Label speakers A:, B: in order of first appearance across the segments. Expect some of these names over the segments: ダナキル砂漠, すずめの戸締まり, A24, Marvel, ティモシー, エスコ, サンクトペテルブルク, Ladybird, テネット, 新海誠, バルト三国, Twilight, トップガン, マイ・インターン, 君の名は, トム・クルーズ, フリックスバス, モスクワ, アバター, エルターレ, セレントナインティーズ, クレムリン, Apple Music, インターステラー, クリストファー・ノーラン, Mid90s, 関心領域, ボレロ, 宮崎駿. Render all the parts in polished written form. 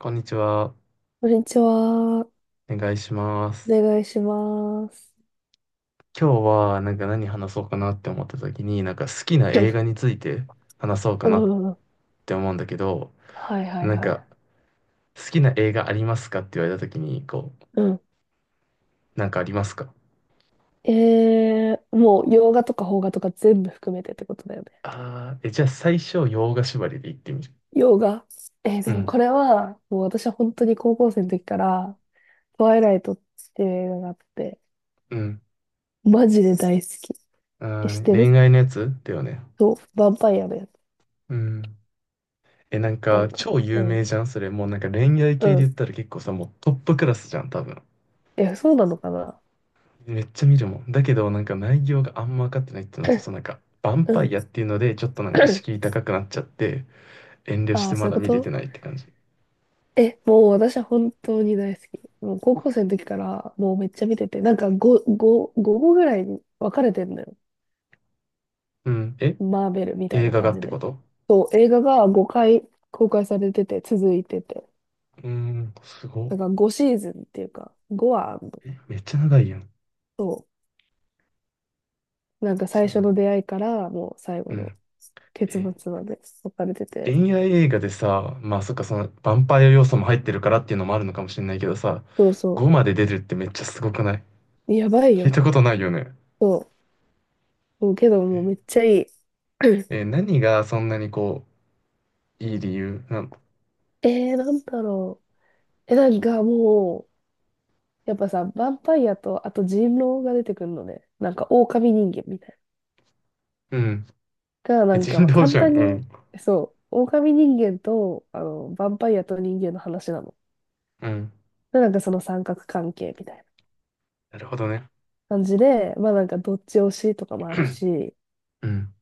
A: こんにちは。
B: こんにちは。お
A: お願いします。
B: 願いします。
A: 今日は何話そうかなって思った時に、なんか好きな
B: うん。
A: 映画について話そうか
B: う
A: なっ
B: ん
A: て思うんだけど、
B: はいはい
A: なん
B: は
A: か
B: い。
A: 好きな映画ありますかって言われた時に、
B: うん。
A: なんかありますか。
B: もう洋画とか邦画とか全部含めてってことだよね。
A: じゃあ最初、洋画縛りで言ってみる。
B: 洋画。
A: う
B: でも
A: ん、
B: これは、もう私は本当に高校生の時から、トワイライトっていう映画があって、
A: うん、
B: マジで大好き。
A: う
B: え、知っ
A: ん、
B: てる？
A: 恋愛のやつだよね。
B: そう、ヴァンパイアのやつ。
A: うん。え、なん
B: な
A: か
B: んか、
A: 超
B: う
A: 有
B: ん。
A: 名じゃんそれ。もうなんか恋愛
B: う
A: 系で言
B: ん。
A: ったら結構さ、もうトップクラスじゃん、多分。
B: え、そうなのかな？
A: めっちゃ見るもん。だけど、なんか内容があんま分かってないっていうのと、そのなんか、ヴァン
B: う
A: パ
B: ん。
A: イアっていうので、ちょっとなんか敷 居高くなっちゃって、遠慮し
B: あ
A: て
B: あ、そ
A: ま
B: ういう
A: だ
B: こ
A: 見れて
B: と？
A: ないって感じ。
B: え、もう私は本当に大好き。もう高校生の時からもうめっちゃ見てて、なんか5、5、5個ぐらいに分かれてんのよ。
A: うん。え、
B: マーベルみたい
A: 映
B: な
A: 画が
B: 感
A: っ
B: じ
A: てこ
B: で。
A: と？
B: そう、映画が5回公開されてて、続いてて。
A: うん、すごっ。
B: だから5シーズンっていうか、5はあんの、
A: え、めっちゃ長いやん。
B: そう。なんか
A: そ
B: 最
A: う
B: 初
A: なの。
B: の出会いからもう最後
A: う
B: の
A: ん。
B: 結
A: え、
B: 末まで分かれてて。
A: 恋愛映画でさ、まあそっか、その、ヴァンパイア要素も入ってるからっていうのもあるのかもしれないけどさ、
B: そうそ
A: 5まで出るってめっちゃすごくない？
B: う。やばい
A: 聞い
B: よ。
A: たことないよね。
B: そう。そうけどもうめっ
A: え、
B: ちゃいい。
A: 何がそんなにいい理由なの？
B: なんだろう。え、なんかもう、やっぱさ、ヴァンパイアと、あと人狼が出てくるのね。なんか、狼人間みたい
A: うん。
B: な。が、な
A: え、
B: んか、
A: 人
B: まあ、
A: 道
B: 簡
A: じゃん。
B: 単
A: う
B: に、
A: ん。
B: そう、狼人間と、ヴァンパイアと人間の話なの。
A: うん。
B: で、なんかその三角関係みたいな
A: なるほどね。
B: 感じで、まあなんか、どっち推しとかもあるし、
A: うん。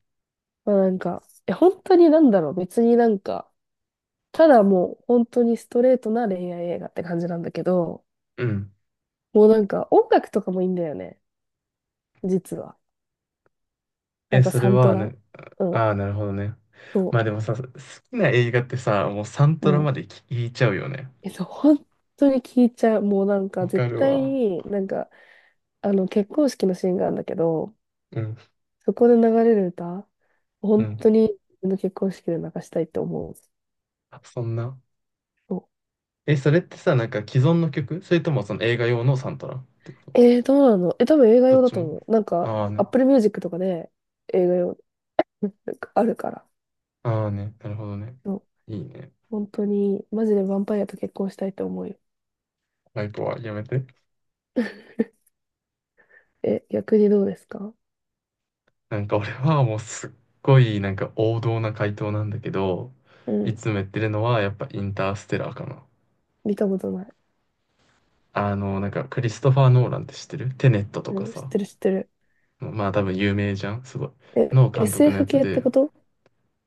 B: まあなんか、え、本当になんだろう、別になんか、ただもう、本当にストレートな恋愛映画って感じなんだけど、
A: うん。
B: もうなんか、音楽とかもいいんだよね、実は。な
A: え、
B: んか、
A: それ
B: サント
A: は
B: ラ。
A: ね、
B: うん、
A: ああ、なるほどね。ま
B: そ
A: あでもさ、好きな映画ってさ、もうサン
B: う。
A: ト
B: う
A: ラ
B: ん
A: まで聞いちゃうよね。
B: 本当に聞いちゃう。もうなんか
A: わか
B: 絶
A: る
B: 対
A: わ。
B: に、なんか、結婚式のシーンがあるんだけど、
A: うん。
B: そこで流れる歌、
A: う
B: 本
A: ん。
B: 当に自分の結婚式で流したいって思う。
A: あ、そんな。
B: そ
A: え、それってさ、なんか既存の曲それともその映画用のサントラってこと？
B: う。どうなの？え、多分映画
A: どっ
B: 用だ
A: ち
B: と
A: も？
B: 思う。なんか、
A: ああね。
B: Apple Music とかで映画用、なんかあるから。
A: ああね。なるほどね。
B: そう。
A: いいね。
B: 本当に、マジでヴァンパイアと結婚したいって思うよ。
A: ライコはやめて。
B: え、逆にどうですか？
A: なんか俺はもうすっごいなんか王道な回答なんだけど、
B: う
A: い
B: ん。
A: つも言ってるのはやっぱインターステラーかな。
B: 見たことない。
A: あの、なんか、クリストファー・ノーランって知ってる？テネットと
B: う
A: か
B: ん、知っ
A: さ。
B: てる知ってる。
A: まあ多分有名じゃんすごい。
B: え、
A: の監督のや
B: SF
A: つ
B: 系って
A: で、
B: こと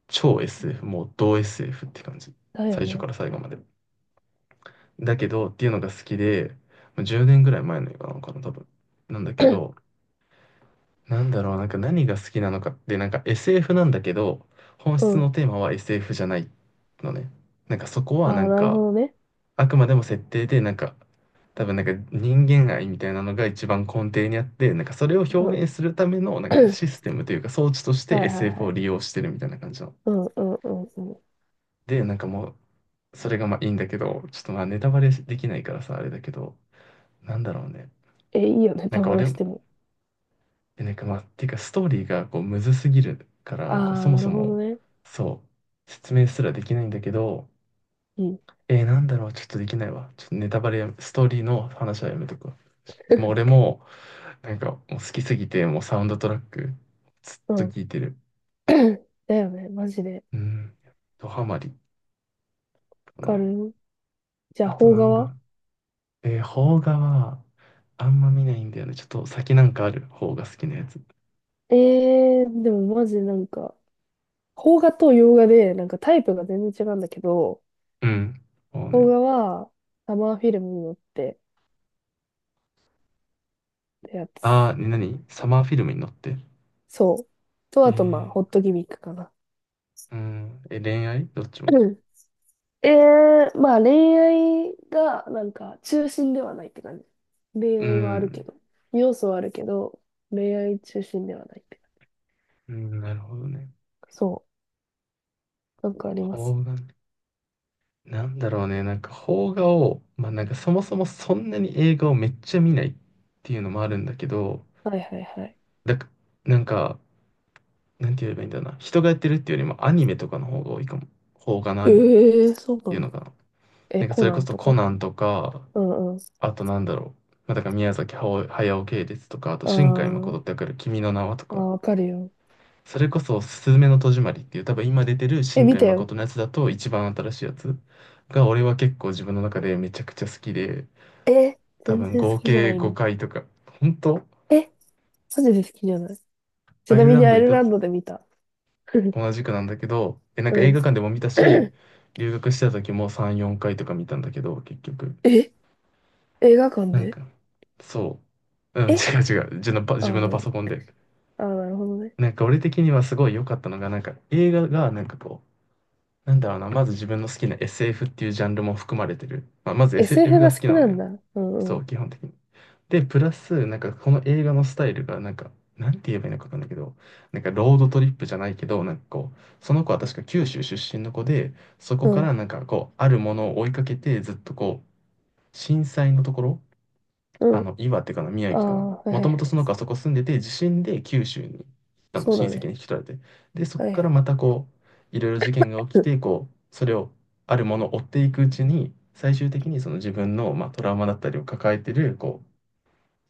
A: 超 SF、もう同 SF って感じ。
B: だよ
A: 最初か
B: ね。
A: ら最後まで。だけど、っていうのが好きで、まあ10年ぐらい前の映画なのかな、多分。なんだけど、なんだろう、なんか何が好きなのかって、なんか SF なんだけど、本
B: う
A: 質
B: ん。
A: のテーマは SF じゃないのね。なんかそこ
B: あ
A: はな
B: あ、
A: ん
B: なる
A: か、
B: ほどね。
A: あくまでも設定で、なんか、多分なんか人間愛みたいなのが一番根底にあって、なんかそれを表
B: うん。
A: 現するためのな んか
B: はい
A: システムというか装置として
B: はいは
A: SF を
B: い。
A: 利用してるみたいな感じの。
B: うんうんうんうん。
A: で、なんかもう、それがまあいいんだけど、ちょっとまあネタバレできないからさ、あれだけど、なんだろうね。
B: え、いいよね、
A: なん
B: タ
A: か
B: バレ
A: 俺、
B: しても。
A: なんかまあ、ていうかストーリーがこうむずすぎるか
B: あ
A: ら、こう
B: あ、
A: そも
B: な
A: そ
B: るほど
A: も、
B: ね。
A: そう、説明すらできないんだけど、
B: うん。
A: なんだろう、ちょっとできないわ。ちょっとネタバレや、ストーリーの話はやめとくわ。もう俺も、なんかもう好きすぎて、もうサウンドトラック、ずっ
B: う
A: と
B: ん。
A: 聴いてる。
B: だよね、マジで。
A: うん。ドハマりか
B: わか
A: な。
B: る。じゃあ、
A: あと
B: 邦
A: な
B: 画
A: んだろ
B: は？
A: う。邦画は、あんま見ないんだよね。ちょっと先なんかある方が好きなやつ。
B: えでもマジでなんか、邦画と洋画で、なんかタイプが全然違うんだけど、
A: うん。もう
B: 邦
A: ね。
B: 画は、サマーフィルムに乗ってってや
A: あ
B: つ。
A: あ、ね、何サマーフィルムに乗って。
B: そう。と、
A: え
B: あと、まあ、
A: ー、
B: ホットギミックかな。
A: うん。え、恋愛どっちも？
B: ええ、まあ恋愛がなんか中心ではないって感じ。恋
A: う
B: 愛はあるけ
A: ん。
B: ど、要素はあるけど、恋愛中心ではないって感
A: うん、なるほどね。
B: じ。そう、なんかあります。
A: 邦画ね。なんだろうね。なんか邦画を、まあなんかそもそもそんなに映画をめっちゃ見ないっていうのもあるんだけど、
B: はいはいはい。
A: だか、なんか、なんて言えばいいんだろうな。人がやってるっていうよりもアニメとかの方が多いかも。邦画のア
B: え
A: ニメっ
B: え、そう
A: て
B: な
A: いう
B: ん
A: の
B: だ。
A: かな。
B: え、
A: なんかそ
B: コ
A: れ
B: ナ
A: こ
B: ン
A: そ
B: と
A: コ
B: か？
A: ナンとか、
B: うんうん。
A: あとなんだろう。まあ、だから宮崎駿系列とか、あと
B: あ
A: 新海誠
B: ー
A: ってわかる？君の名はと
B: あー、
A: か。
B: わかるよ。
A: それこそ、すずめの戸締まりっていう、多分今出てる
B: え、
A: 新
B: 見
A: 海
B: たよ。
A: 誠のやつだと一番新しいやつが、俺は結構自分の中でめちゃくちゃ好きで、
B: え、
A: 多
B: 全
A: 分
B: 然好
A: 合
B: きじゃな
A: 計
B: いんだけ
A: 5
B: ど。
A: 回とか、本当。
B: え、マジで好きじゃない。ち
A: アイ
B: な
A: ル
B: み
A: ラ
B: に
A: ン
B: ア
A: ド
B: イ
A: い
B: ルラ
A: た？
B: ンドで見た。
A: 同じくなんだけど、え、なん
B: う
A: か映
B: ん。
A: 画館でも見たし、留学してた時も3、4回とか見たんだけど、結局。
B: え、映画館
A: なん
B: で？
A: か、そう。うん、違
B: え、
A: う違う。
B: ああ
A: 自分
B: ー、
A: の
B: な
A: パ
B: に？
A: ソコンで。
B: ああー、なるほどね。
A: なんか俺的にはすごい良かったのが、なんか映画がなんかなんだろうな、まず自分の好きな SF っていうジャンルも含まれてる。まあ、まず SF
B: SF
A: が
B: が
A: 好
B: 好
A: き
B: き
A: な
B: な
A: の
B: ん
A: よ。
B: だ。うんう
A: そ
B: ん。
A: う、基本的に。で、プラス、なんかこの映画のスタイルが、なんか、なんて言えばいいのかわかんないけど、なんかロードトリップじゃないけど、なんかこう、その子は確か九州出身の子で、そこ
B: う
A: から
B: ん。
A: なんかこう、あるものを追いかけて、ずっと震災のところ、
B: う
A: あ
B: ん。
A: の、岩手かな、宮
B: あ
A: 城か
B: あ、
A: な、
B: はいは
A: も
B: い
A: と
B: は
A: もとそ
B: い。
A: の子はそこ住んでて、地震で九州に、あの、
B: そう
A: 親
B: だ
A: 戚
B: ね。
A: に引き取られて、で、そこ
B: はいは
A: から
B: い。
A: またいろいろ事件が起きて、こう、それを、あるものを追っていくうちに、最終的にその自分の、まあ、トラウマだったりを抱えてる、こう、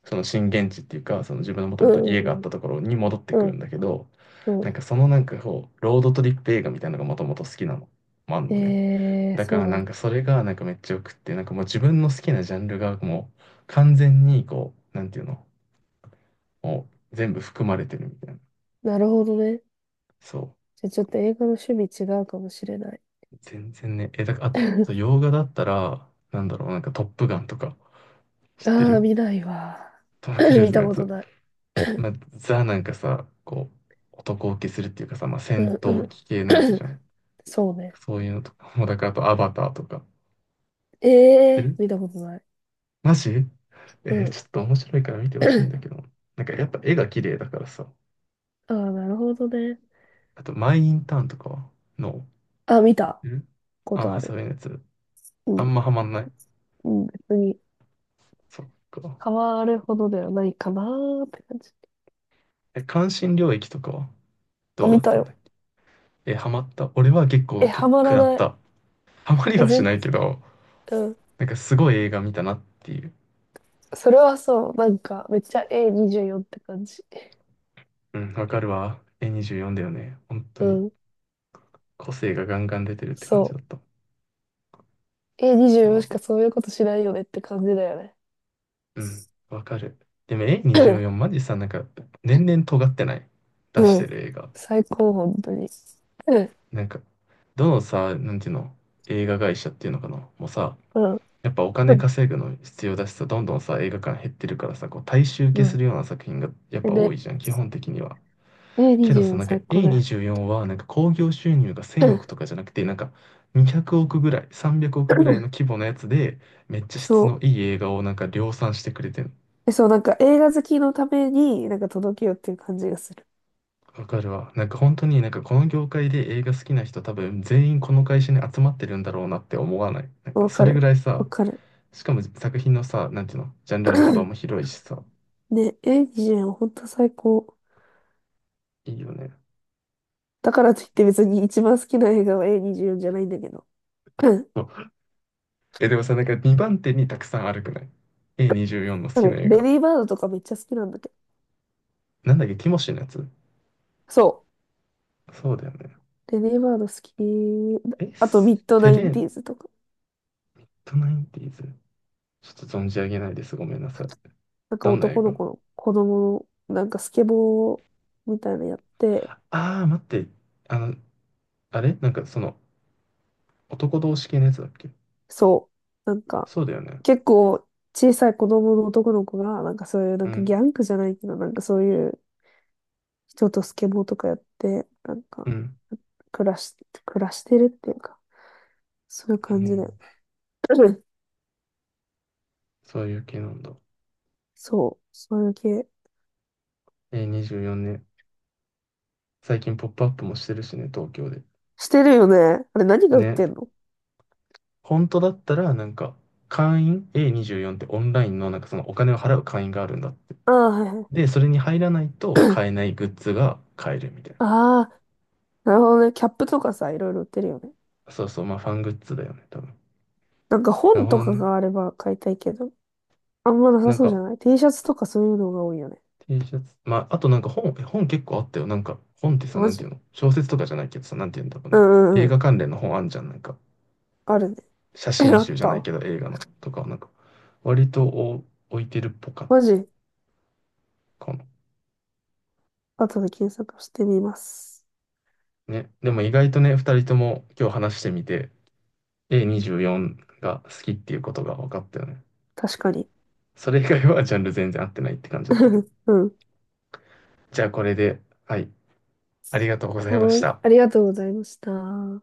A: その震源地っていうか、その自分のもと
B: う
A: もと家があ
B: んう
A: っ
B: ん
A: たところに戻って
B: う
A: くるん
B: ん。
A: だけど、
B: うん
A: なん
B: う
A: かそのこう、ロードトリップ映画みたいなのがもともと好きなのもあん
B: ん。
A: のね。だから
B: そ
A: な
B: うな
A: ん
B: ん
A: か
B: だ。
A: それがなんかめっちゃよくって、なんかもう自分の好きなジャンルがもう完全にこう、なんていうの、もう全部含まれてるみたいな。
B: なるほどね。
A: そ
B: じゃあちょっと映画の趣味違うかもしれない。
A: う。全然ね、え、だから、あと、そう洋画だったら、なんだろう、なんかトップガンとか、知って
B: ああ、
A: る？
B: 見ないわ。
A: トム・ク ルー
B: 見
A: ズの
B: た
A: や
B: こと
A: つ。
B: ない。
A: まあ、ザなんかさ、こう、男受けするっていうかさ、まあ、
B: う
A: 戦
B: んう
A: 闘
B: ん。
A: 機系のやつじゃ ん。
B: そうね。
A: そういうのとか、もうだからあとアバターとか。
B: え
A: 知って
B: え
A: る？
B: ー、見たことない。
A: マジ？
B: うん。
A: ちょっと面白いから見てほしいんだけど。なんかやっぱ絵が綺麗だからさ。
B: ああ、なるほどね。
A: あと、マイ・インターンとかはの、
B: あ、見た
A: 知ってる？
B: こ
A: あン・
B: とあ
A: ハサウ
B: る。
A: ェイのやつ。
B: う
A: あ
B: ん。
A: んまハマんない？
B: うん、別に、
A: そっか。
B: ハマるほどではないかなーって感じ。
A: え、関心領域とかは
B: あ、
A: どう
B: 見
A: だっ
B: た
A: たんだっ
B: よ。
A: け？え、ハマった？俺は結
B: え、
A: 構、結
B: ハ
A: 構
B: マ
A: 食
B: ら
A: らっ
B: ない。
A: た。ハマり
B: え、全
A: はし
B: 然、
A: ないけど、
B: うん。
A: なんかすごい映画見たなっていう。
B: それはそう、なんか、めっちゃ A24 って感じ。
A: うん、わかるわ。A24 だよね。本当
B: う
A: に。
B: ん、
A: 個性がガンガン出てるって感じだ
B: そ
A: った
B: う。
A: か
B: A24
A: な。
B: しかそういうことしないよねって感じだよね。
A: うん、わかる。でも A24 マジさ、なんか、年々尖ってない？出し
B: う
A: て
B: ん。
A: る映画。
B: 最高、本当に。うん、
A: なんか、どのさ、なんていうの、映画会社っていうのかなもうさ、
B: うん、
A: やっぱお
B: う
A: 金
B: ん。
A: 稼ぐの必要だしさ、どんどんさ、映画館減ってるからさ、こう大衆受けす
B: う
A: るような作品がやっ
B: ん、
A: ぱ多
B: で、
A: いじゃん、基本的には。けどさ、
B: A24
A: なんか
B: 最高だよ。
A: A24 はなんか興行収入が1000億 とかじゃなくて、なんか200億ぐらい、300億
B: う
A: ぐらいの
B: ん、
A: 規模のやつで、めっちゃ質
B: そ
A: のいい映画をなんか量産してくれてる。
B: う。え、そう、なんか映画好きのために、なんか届けようっていう感じがする。
A: わかるわ。なんか本当になんかこの業界で映画好きな人多分全員この会社に集まってるんだろうなって思わない？なんか
B: わ
A: そ
B: か
A: れぐ
B: る。
A: らいさ、
B: わかる。
A: しかも作品のさ、なんていうの、ジャンルの幅も広いしさ、
B: ね、A24 本当最高。
A: いいよね。
B: だからといって別に一番好きな映画は A24 じゅうよんじゃないんだけど。
A: そ う。え、でもさ、なんか2番手にたくさんあるくない？ A24 の好
B: 多
A: きな
B: 分
A: 映
B: レ
A: 画。
B: ディーバードとかめっちゃ好きなんだけど。
A: なんだっけ、ティモシーのやつ？
B: そ
A: そうだよね。
B: う。レディーバード好き。
A: え、
B: あと、ミッド
A: セ
B: ナイ
A: レ
B: ンティー
A: ン
B: ズとか。
A: トナインティーズ。ちょっと存じ上げないです。ごめんなさい。
B: なんか
A: どんな映
B: 男
A: 画？
B: の子の子供の、なんかスケボーみたいなのやって、
A: ああー、待って。あの、あれなんかその、男同士系のやつだっけ？
B: そう。なんか、
A: そうだよね。
B: 結構小さい子供の男の子が、なんかそういう、な
A: う
B: んかギ
A: ん、
B: ャングじゃないけど、なんかそういう人とスケボーとかやって、なん
A: う
B: か、
A: ん、
B: 暮らし、暮らしてるっていうか、そういう
A: う
B: 感じで。
A: ん。そういう系なんだ。
B: そう。そういう系。
A: 24年。最近ポップアップもしてるしね、東京で。
B: してるよね。あれ何が売っ
A: ね。
B: てんの？
A: 本当だったら、なんか、会員 A24 ってオンラインの、なんかそのお金を払う会員があるんだって。
B: ああー、はいはい。
A: で、それに入らないと買えないグッズが買えるみたい
B: ああ、なるほどね。キャップとかさ、いろいろ売ってるよね。
A: な。そうそう、まあファングッズだよね、多分。
B: なんか
A: なる
B: 本
A: ほ
B: と
A: ど
B: か
A: ね。
B: があれば買いたいけど、あんまなさ
A: なん
B: そうじ
A: か、
B: ゃない？ T シャツとかそういうのが多いよね。
A: T シャツ。まあ、あとなんか本、え本結構あったよ。なんか、本ってさ、な
B: マ
A: んて
B: ジ？
A: いうの小説とかじゃないけどさ、なんていうんだろう
B: う
A: ね。
B: んう
A: 映
B: んうん。
A: 画関連の本あんじゃん。なんか、
B: あるね。
A: 写 真
B: あっ
A: 集じゃない
B: た？
A: けど映画のとかなんか、割とお置いてるっぽか
B: マ
A: っ
B: ジ、
A: たかも
B: 後で検索してみます。
A: ね。でも意外とね、二人とも今日話してみて、A24 が好きっていうことが分かったよね。
B: 確かに。
A: それ以外はジャンル全然合ってないって感じだったけど。
B: うん。
A: じゃあこれで、はい。ありがとうございま
B: は
A: し
B: ーい。
A: た。
B: ありがとうございました。